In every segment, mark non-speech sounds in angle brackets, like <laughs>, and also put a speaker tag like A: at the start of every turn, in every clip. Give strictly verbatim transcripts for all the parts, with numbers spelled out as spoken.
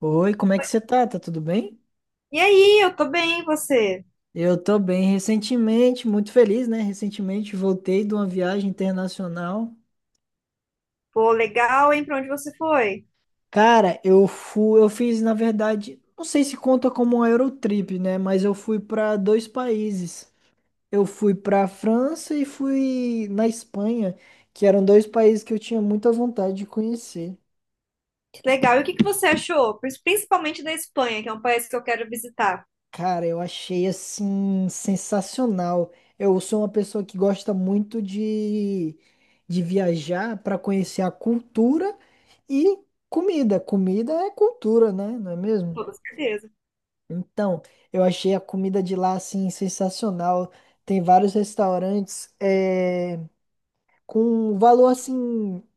A: Oi, como é que você tá? Tá tudo bem?
B: E aí, eu tô bem, e você?
A: Eu tô bem. Recentemente, muito feliz, né? Recentemente voltei de uma viagem internacional.
B: Pô, legal, hein? Pra onde você foi?
A: Cara, eu fui, eu fiz, na verdade, não sei se conta como um Eurotrip, né? Mas eu fui para dois países. Eu fui para a França e fui na Espanha, que eram dois países que eu tinha muita vontade de conhecer.
B: Que legal. E o que que você achou? Pris- Principalmente da Espanha, que é um país que eu quero visitar.
A: Cara, eu achei assim sensacional. Eu sou uma pessoa que gosta muito de, de viajar para conhecer a cultura e comida. Comida é cultura, né? Não é
B: Com
A: mesmo?
B: toda certeza.
A: Então, eu achei a comida de lá assim sensacional. Tem vários restaurantes eh, com um valor assim,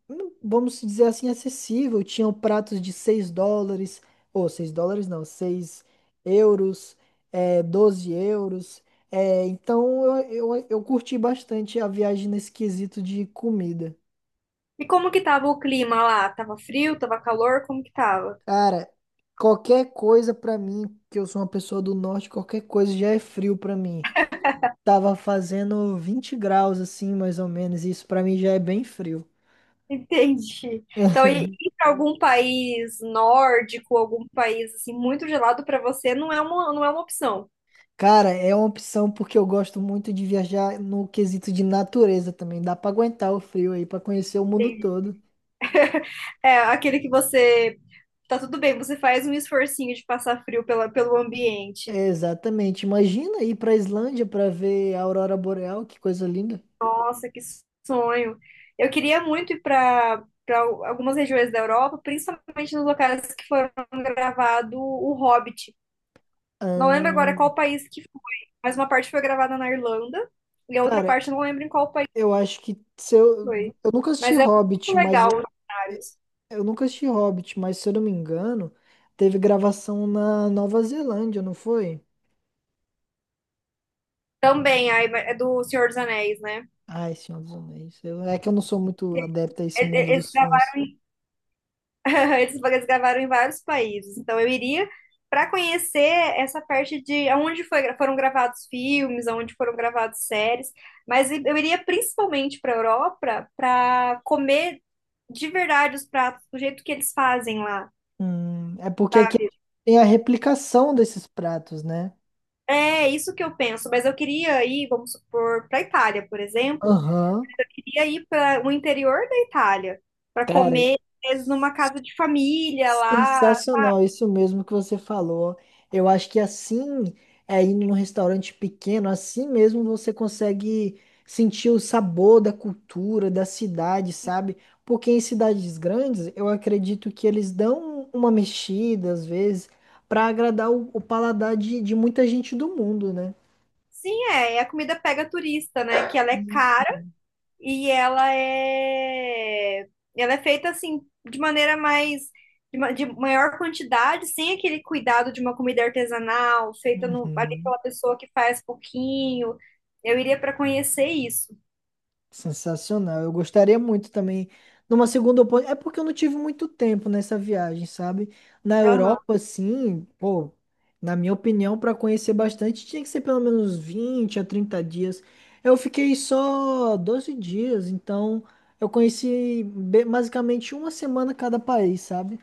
A: hum, vamos dizer assim, acessível. Tinham pratos de seis dólares, ou seis dólares não, seis euros, é, doze euros. É, então eu, eu, eu curti bastante a viagem nesse quesito de comida.
B: E como que tava o clima lá? Tava frio? Tava calor? Como que tava?
A: Cara, qualquer coisa pra mim, que eu sou uma pessoa do norte, qualquer coisa já é frio pra mim. Tava fazendo vinte graus assim, mais ou menos, e isso pra mim já é bem frio.
B: <laughs> Entendi.
A: <laughs>
B: Então, ir ir pra algum país nórdico, algum país assim muito gelado pra você não é uma, não é uma opção.
A: Cara, é uma opção porque eu gosto muito de viajar no quesito de natureza também. Dá pra aguentar o frio aí, pra conhecer o mundo
B: Entendi.
A: todo.
B: É aquele que você tá tudo bem, você faz um esforcinho de passar frio pela, pelo ambiente.
A: É, exatamente. Imagina ir pra Islândia pra ver a aurora boreal, que coisa linda.
B: Nossa, que sonho. Eu queria muito ir para para algumas regiões da Europa, principalmente nos locais que foram gravado O Hobbit. Não lembro agora
A: Ahn,
B: qual país que foi, mas uma parte foi gravada na Irlanda e a outra
A: cara,
B: parte eu não lembro em qual país
A: eu acho que se eu,
B: foi.
A: eu nunca assisti
B: Mas é muito
A: Hobbit, mas
B: legal
A: eu,
B: os cenários.
A: eu nunca assisti Hobbit, mas se eu não me engano, teve gravação na Nova Zelândia, não foi?
B: Também, aí, é do Senhor dos Anéis, né?
A: Ai, Senhor dos Anéis. Eu- é que eu não sou muito adepto a
B: É,
A: esse mundo
B: é- é-
A: dos filmes.
B: <laughs> Esses eles gravaram em vários países, então eu iria para conhecer essa parte de onde foi, foram gravados filmes, onde foram gravados séries, mas eu iria principalmente para Europa para comer de verdade os pratos do jeito que eles fazem lá,
A: Hum, é porque aqui
B: sabe?
A: tem a replicação desses pratos, né?
B: É isso que eu penso, mas eu queria ir, vamos supor, para Itália, por exemplo,
A: Aham,
B: eu queria ir para o interior da Itália para
A: cara,
B: comer às vezes, numa casa de família lá.
A: sensacional, isso mesmo que você falou. Eu acho que assim, é indo num restaurante pequeno, assim mesmo você consegue sentir o sabor da cultura, da cidade, sabe? Porque em cidades grandes, eu acredito que eles dão uma mexida, às vezes, para agradar o, o paladar de, de muita gente do mundo, né?
B: Sim, é. E a comida pega turista, né? Que ela é cara
A: Isso.
B: e ela é. Ela é feita assim, de maneira mais. De, ma- de maior quantidade, sem aquele cuidado de uma comida artesanal, feita no, ali
A: Uhum.
B: pela pessoa que faz pouquinho. Eu iria para conhecer isso.
A: Sensacional. Eu gostaria muito também de uma segunda oportunidade. É porque eu não tive muito tempo nessa viagem, sabe? Na Europa, assim, pô, na minha opinião, para conhecer bastante, tinha que ser pelo menos vinte a trinta dias. Eu fiquei só doze dias, então eu conheci be- basicamente uma semana cada país, sabe?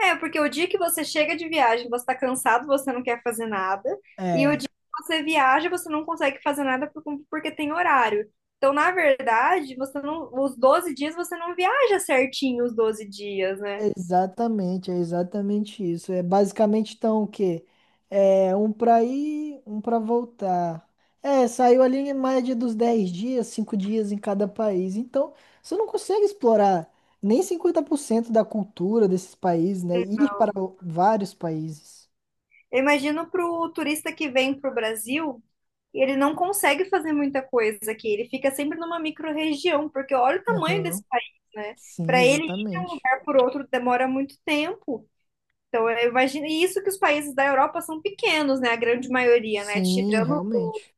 B: É, porque o dia que você chega de viagem, você tá cansado, você não quer fazer nada. E o
A: É.
B: dia que você viaja, você não consegue fazer nada por- porque tem horário. Então, na verdade, você não, os doze dias você não viaja certinho os doze dias, né?
A: Exatamente, é exatamente isso. É basicamente então o quê? É um para ir, um para voltar. É, saiu ali em média dos dez dias, cinco dias em cada país. Então, você não consegue explorar nem cinquenta por cento da cultura desses países, né? Ir para o- vários países.
B: Eu imagino pro turista que vem pro Brasil, ele não consegue fazer muita coisa aqui. Ele fica sempre numa micro-região, porque olha o tamanho desse
A: Aham.
B: país, né?
A: Sim,
B: Para ele ir de um
A: exatamente.
B: lugar por outro demora muito tempo. Então, eu imagino, e isso que os países da Europa são pequenos, né? A grande maioria, né?
A: Sim,
B: Tirando,
A: realmente.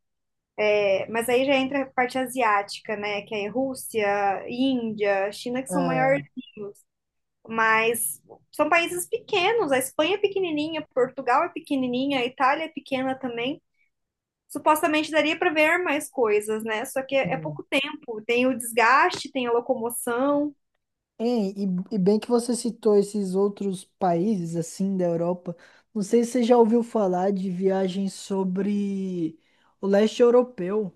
B: é, mas aí já entra a parte asiática, né? Que é Rússia, Índia, China, que são maiores,
A: É.
B: mas são países pequenos. A Espanha é pequenininha, Portugal é pequenininha, a Itália é pequena também. Supostamente daria para ver mais coisas, né? Só que é, é
A: Hum.
B: pouco tempo. Tem o desgaste, tem a locomoção.
A: Hein, e, e bem que você citou esses outros países assim da Europa. Não sei se você já ouviu falar de viagens sobre o leste europeu.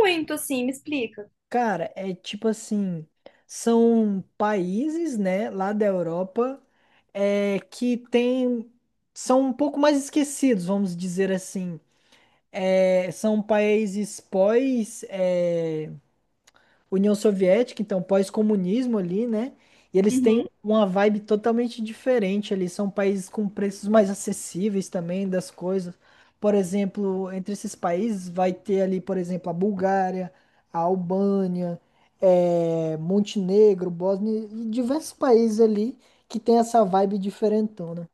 B: Muito, assim, me explica.
A: Cara, é tipo assim, são países, né, lá da Europa, é, que tem, são um pouco mais esquecidos, vamos dizer assim. É, são países pós, é, União Soviética, então pós-comunismo ali, né? E eles têm
B: Uhum.
A: uma vibe totalmente diferente ali. São países com preços mais acessíveis também das coisas. Por exemplo, entre esses países vai ter ali, por exemplo, a Bulgária, a Albânia, eh, Montenegro, Bósnia e diversos países ali que tem essa vibe diferentona,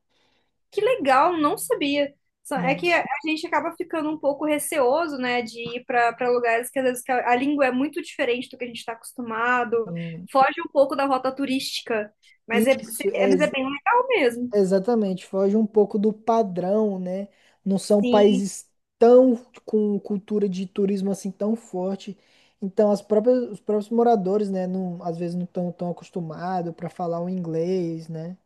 B: Que legal, não sabia. Só- É
A: né?
B: que a a gente acaba ficando um pouco receoso, né, de ir para para lugares que às vezes que a, a língua é muito diferente do que a gente está acostumado,
A: E
B: foge um pouco da rota turística, mas é,
A: isso,
B: é-
A: é,
B: mas é bem legal mesmo.
A: exatamente, foge um pouco do padrão, né? Não são
B: Sim,
A: países tão com cultura de turismo assim tão forte. Então, as próprias, os próprios moradores, né, não, às vezes não estão tão acostumados para falar o inglês, né?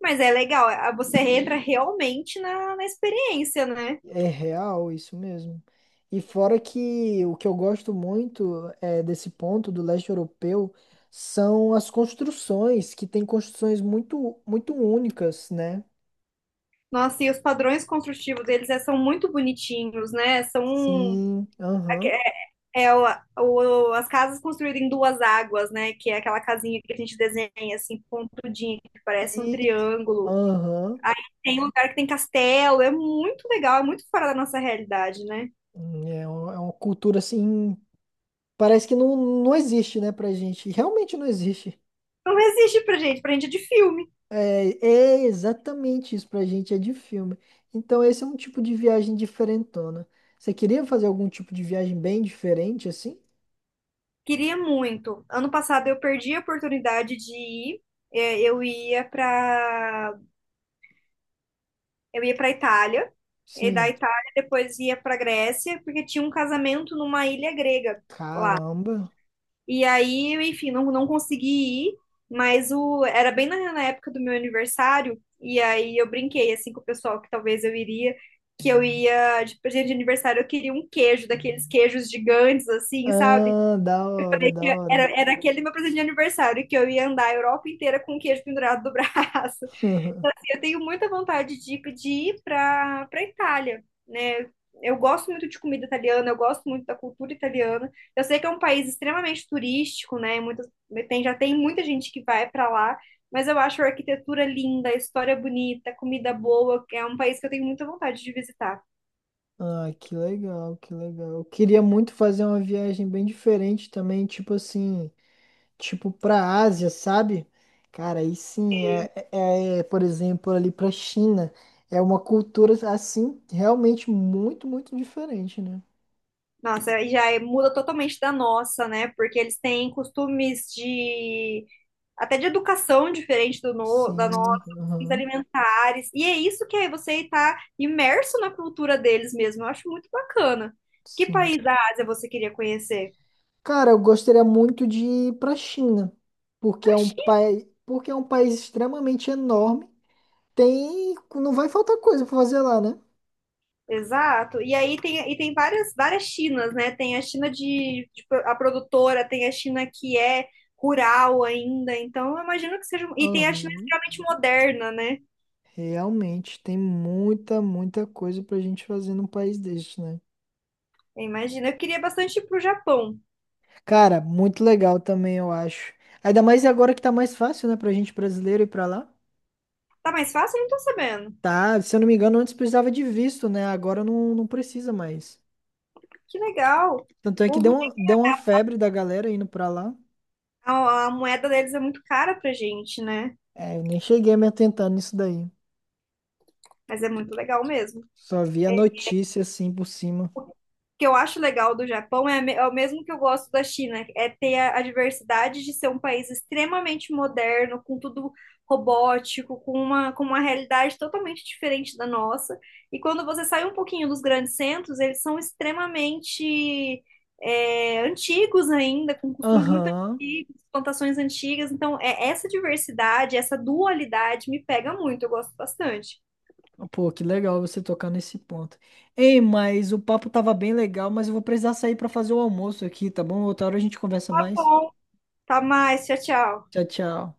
B: mas é legal, a- você entra realmente na, na experiência, né?
A: É real isso mesmo. E fora que o que eu gosto muito é, desse ponto do leste europeu são as construções, que tem construções muito, muito únicas, né?
B: Nossa, e os padrões construtivos deles é, são muito bonitinhos, né? São
A: Sim, aham.
B: é o, o- as casas construídas em duas águas, né? Que é aquela casinha que a gente desenha assim, pontudinha, que parece um
A: E,
B: triângulo.
A: aham.
B: Tem um lugar que tem castelo, é muito legal, é muito fora da nossa realidade, né?
A: Hum, é uma, é uma cultura assim, parece que não, não existe, né, pra gente. Realmente não existe.
B: Não existe pra gente, pra gente é de filme.
A: É, é exatamente isso pra gente, é de filme. Então, esse é um tipo de viagem diferentona. Você queria fazer algum tipo de viagem bem diferente, assim?
B: Queria muito. Ano passado eu perdi a oportunidade de ir. É, Eu ia pra eu ia para Itália, e da
A: Sim.
B: Itália depois ia pra Grécia, porque tinha um casamento numa ilha grega.
A: Caramba.
B: E aí, enfim, não, não consegui ir, mas o, era bem na, na época do meu aniversário, e aí eu brinquei assim com o pessoal que talvez eu iria, que eu ia de presente de aniversário, eu queria um queijo, daqueles queijos gigantes, assim, sabe?
A: Ah, da hora,
B: É
A: da
B: que
A: hora.
B: Era, era aquele meu presente de aniversário, que eu ia andar a Europa inteira com o queijo pendurado do <laughs> braço. Assim,
A: <laughs>
B: eu tenho muita vontade de, de ir para para Itália, né? Eu gosto muito de comida italiana, eu gosto muito da cultura italiana. Eu sei que é um país extremamente turístico, né? Muitas, tem, já tem muita gente que vai para lá, mas eu acho a arquitetura linda, a história bonita, a comida boa. É um país que eu tenho muita vontade de visitar.
A: Ah, que legal, que legal. Eu queria muito fazer uma viagem bem diferente também, tipo assim. Tipo pra Ásia, sabe? Cara, aí sim, é, é, é, por exemplo, ali pra China, é uma cultura assim realmente muito, muito diferente, né?
B: Nossa, aí já é- muda totalmente da nossa, né? Porque eles têm costumes de até de educação diferente do no, da
A: Sim,
B: nossa, os
A: aham,
B: alimentares. E é isso que aí você está imerso na cultura deles mesmo. Eu acho muito bacana. Que
A: sim.
B: país da Ásia você queria conhecer?
A: Cara, eu gostaria muito de ir pra China, porque é
B: A
A: um
B: China.
A: país, porque é um país extremamente enorme. Tem, não vai faltar coisa pra fazer lá, né?
B: Exato. E aí tem, e tem várias, várias Chinas, né? Tem a China de, de pro- a produtora, tem a China que é rural ainda. Então, eu imagino que seja. Um, E tem a China
A: Aham.
B: extremamente moderna, né?
A: Realmente tem muita, muita coisa pra gente fazer num país deste, né?
B: Eu imagino. Eu queria bastante ir pro Japão.
A: Cara, muito legal também, eu acho. Ainda mais agora que tá mais fácil, né, pra gente brasileiro ir pra lá.
B: Tá mais fácil? Eu não tô sabendo.
A: Tá, se eu não me engano, antes precisava de visto, né? Agora não, não precisa mais.
B: Que legal.
A: Tanto é que deu
B: O
A: uma, deu uma febre da galera indo pra lá.
B: A, a moeda deles é muito cara pra gente, né?
A: É, eu nem cheguei a me atentar nisso daí.
B: Mas é muito legal mesmo. O
A: Só vi a notícia assim por cima.
B: que eu acho legal do Japão é, me- é o mesmo que eu gosto da China, é ter a, a diversidade de ser um país extremamente moderno, com tudo robótico, com uma, com uma realidade totalmente diferente da nossa. E quando você sai um pouquinho dos grandes centros, eles são extremamente é, antigos ainda, com costumes muito
A: Aham.
B: antigos, plantações antigas. Então, é essa diversidade, essa dualidade me pega muito, eu gosto bastante.
A: Pô, que legal você tocar nesse ponto. Ei, mas o papo tava bem legal, mas eu vou precisar sair pra fazer o almoço aqui, tá bom? Outra hora a gente conversa
B: Tá
A: mais.
B: bom. Tá mais. Tchau, tchau.
A: Tchau, tchau.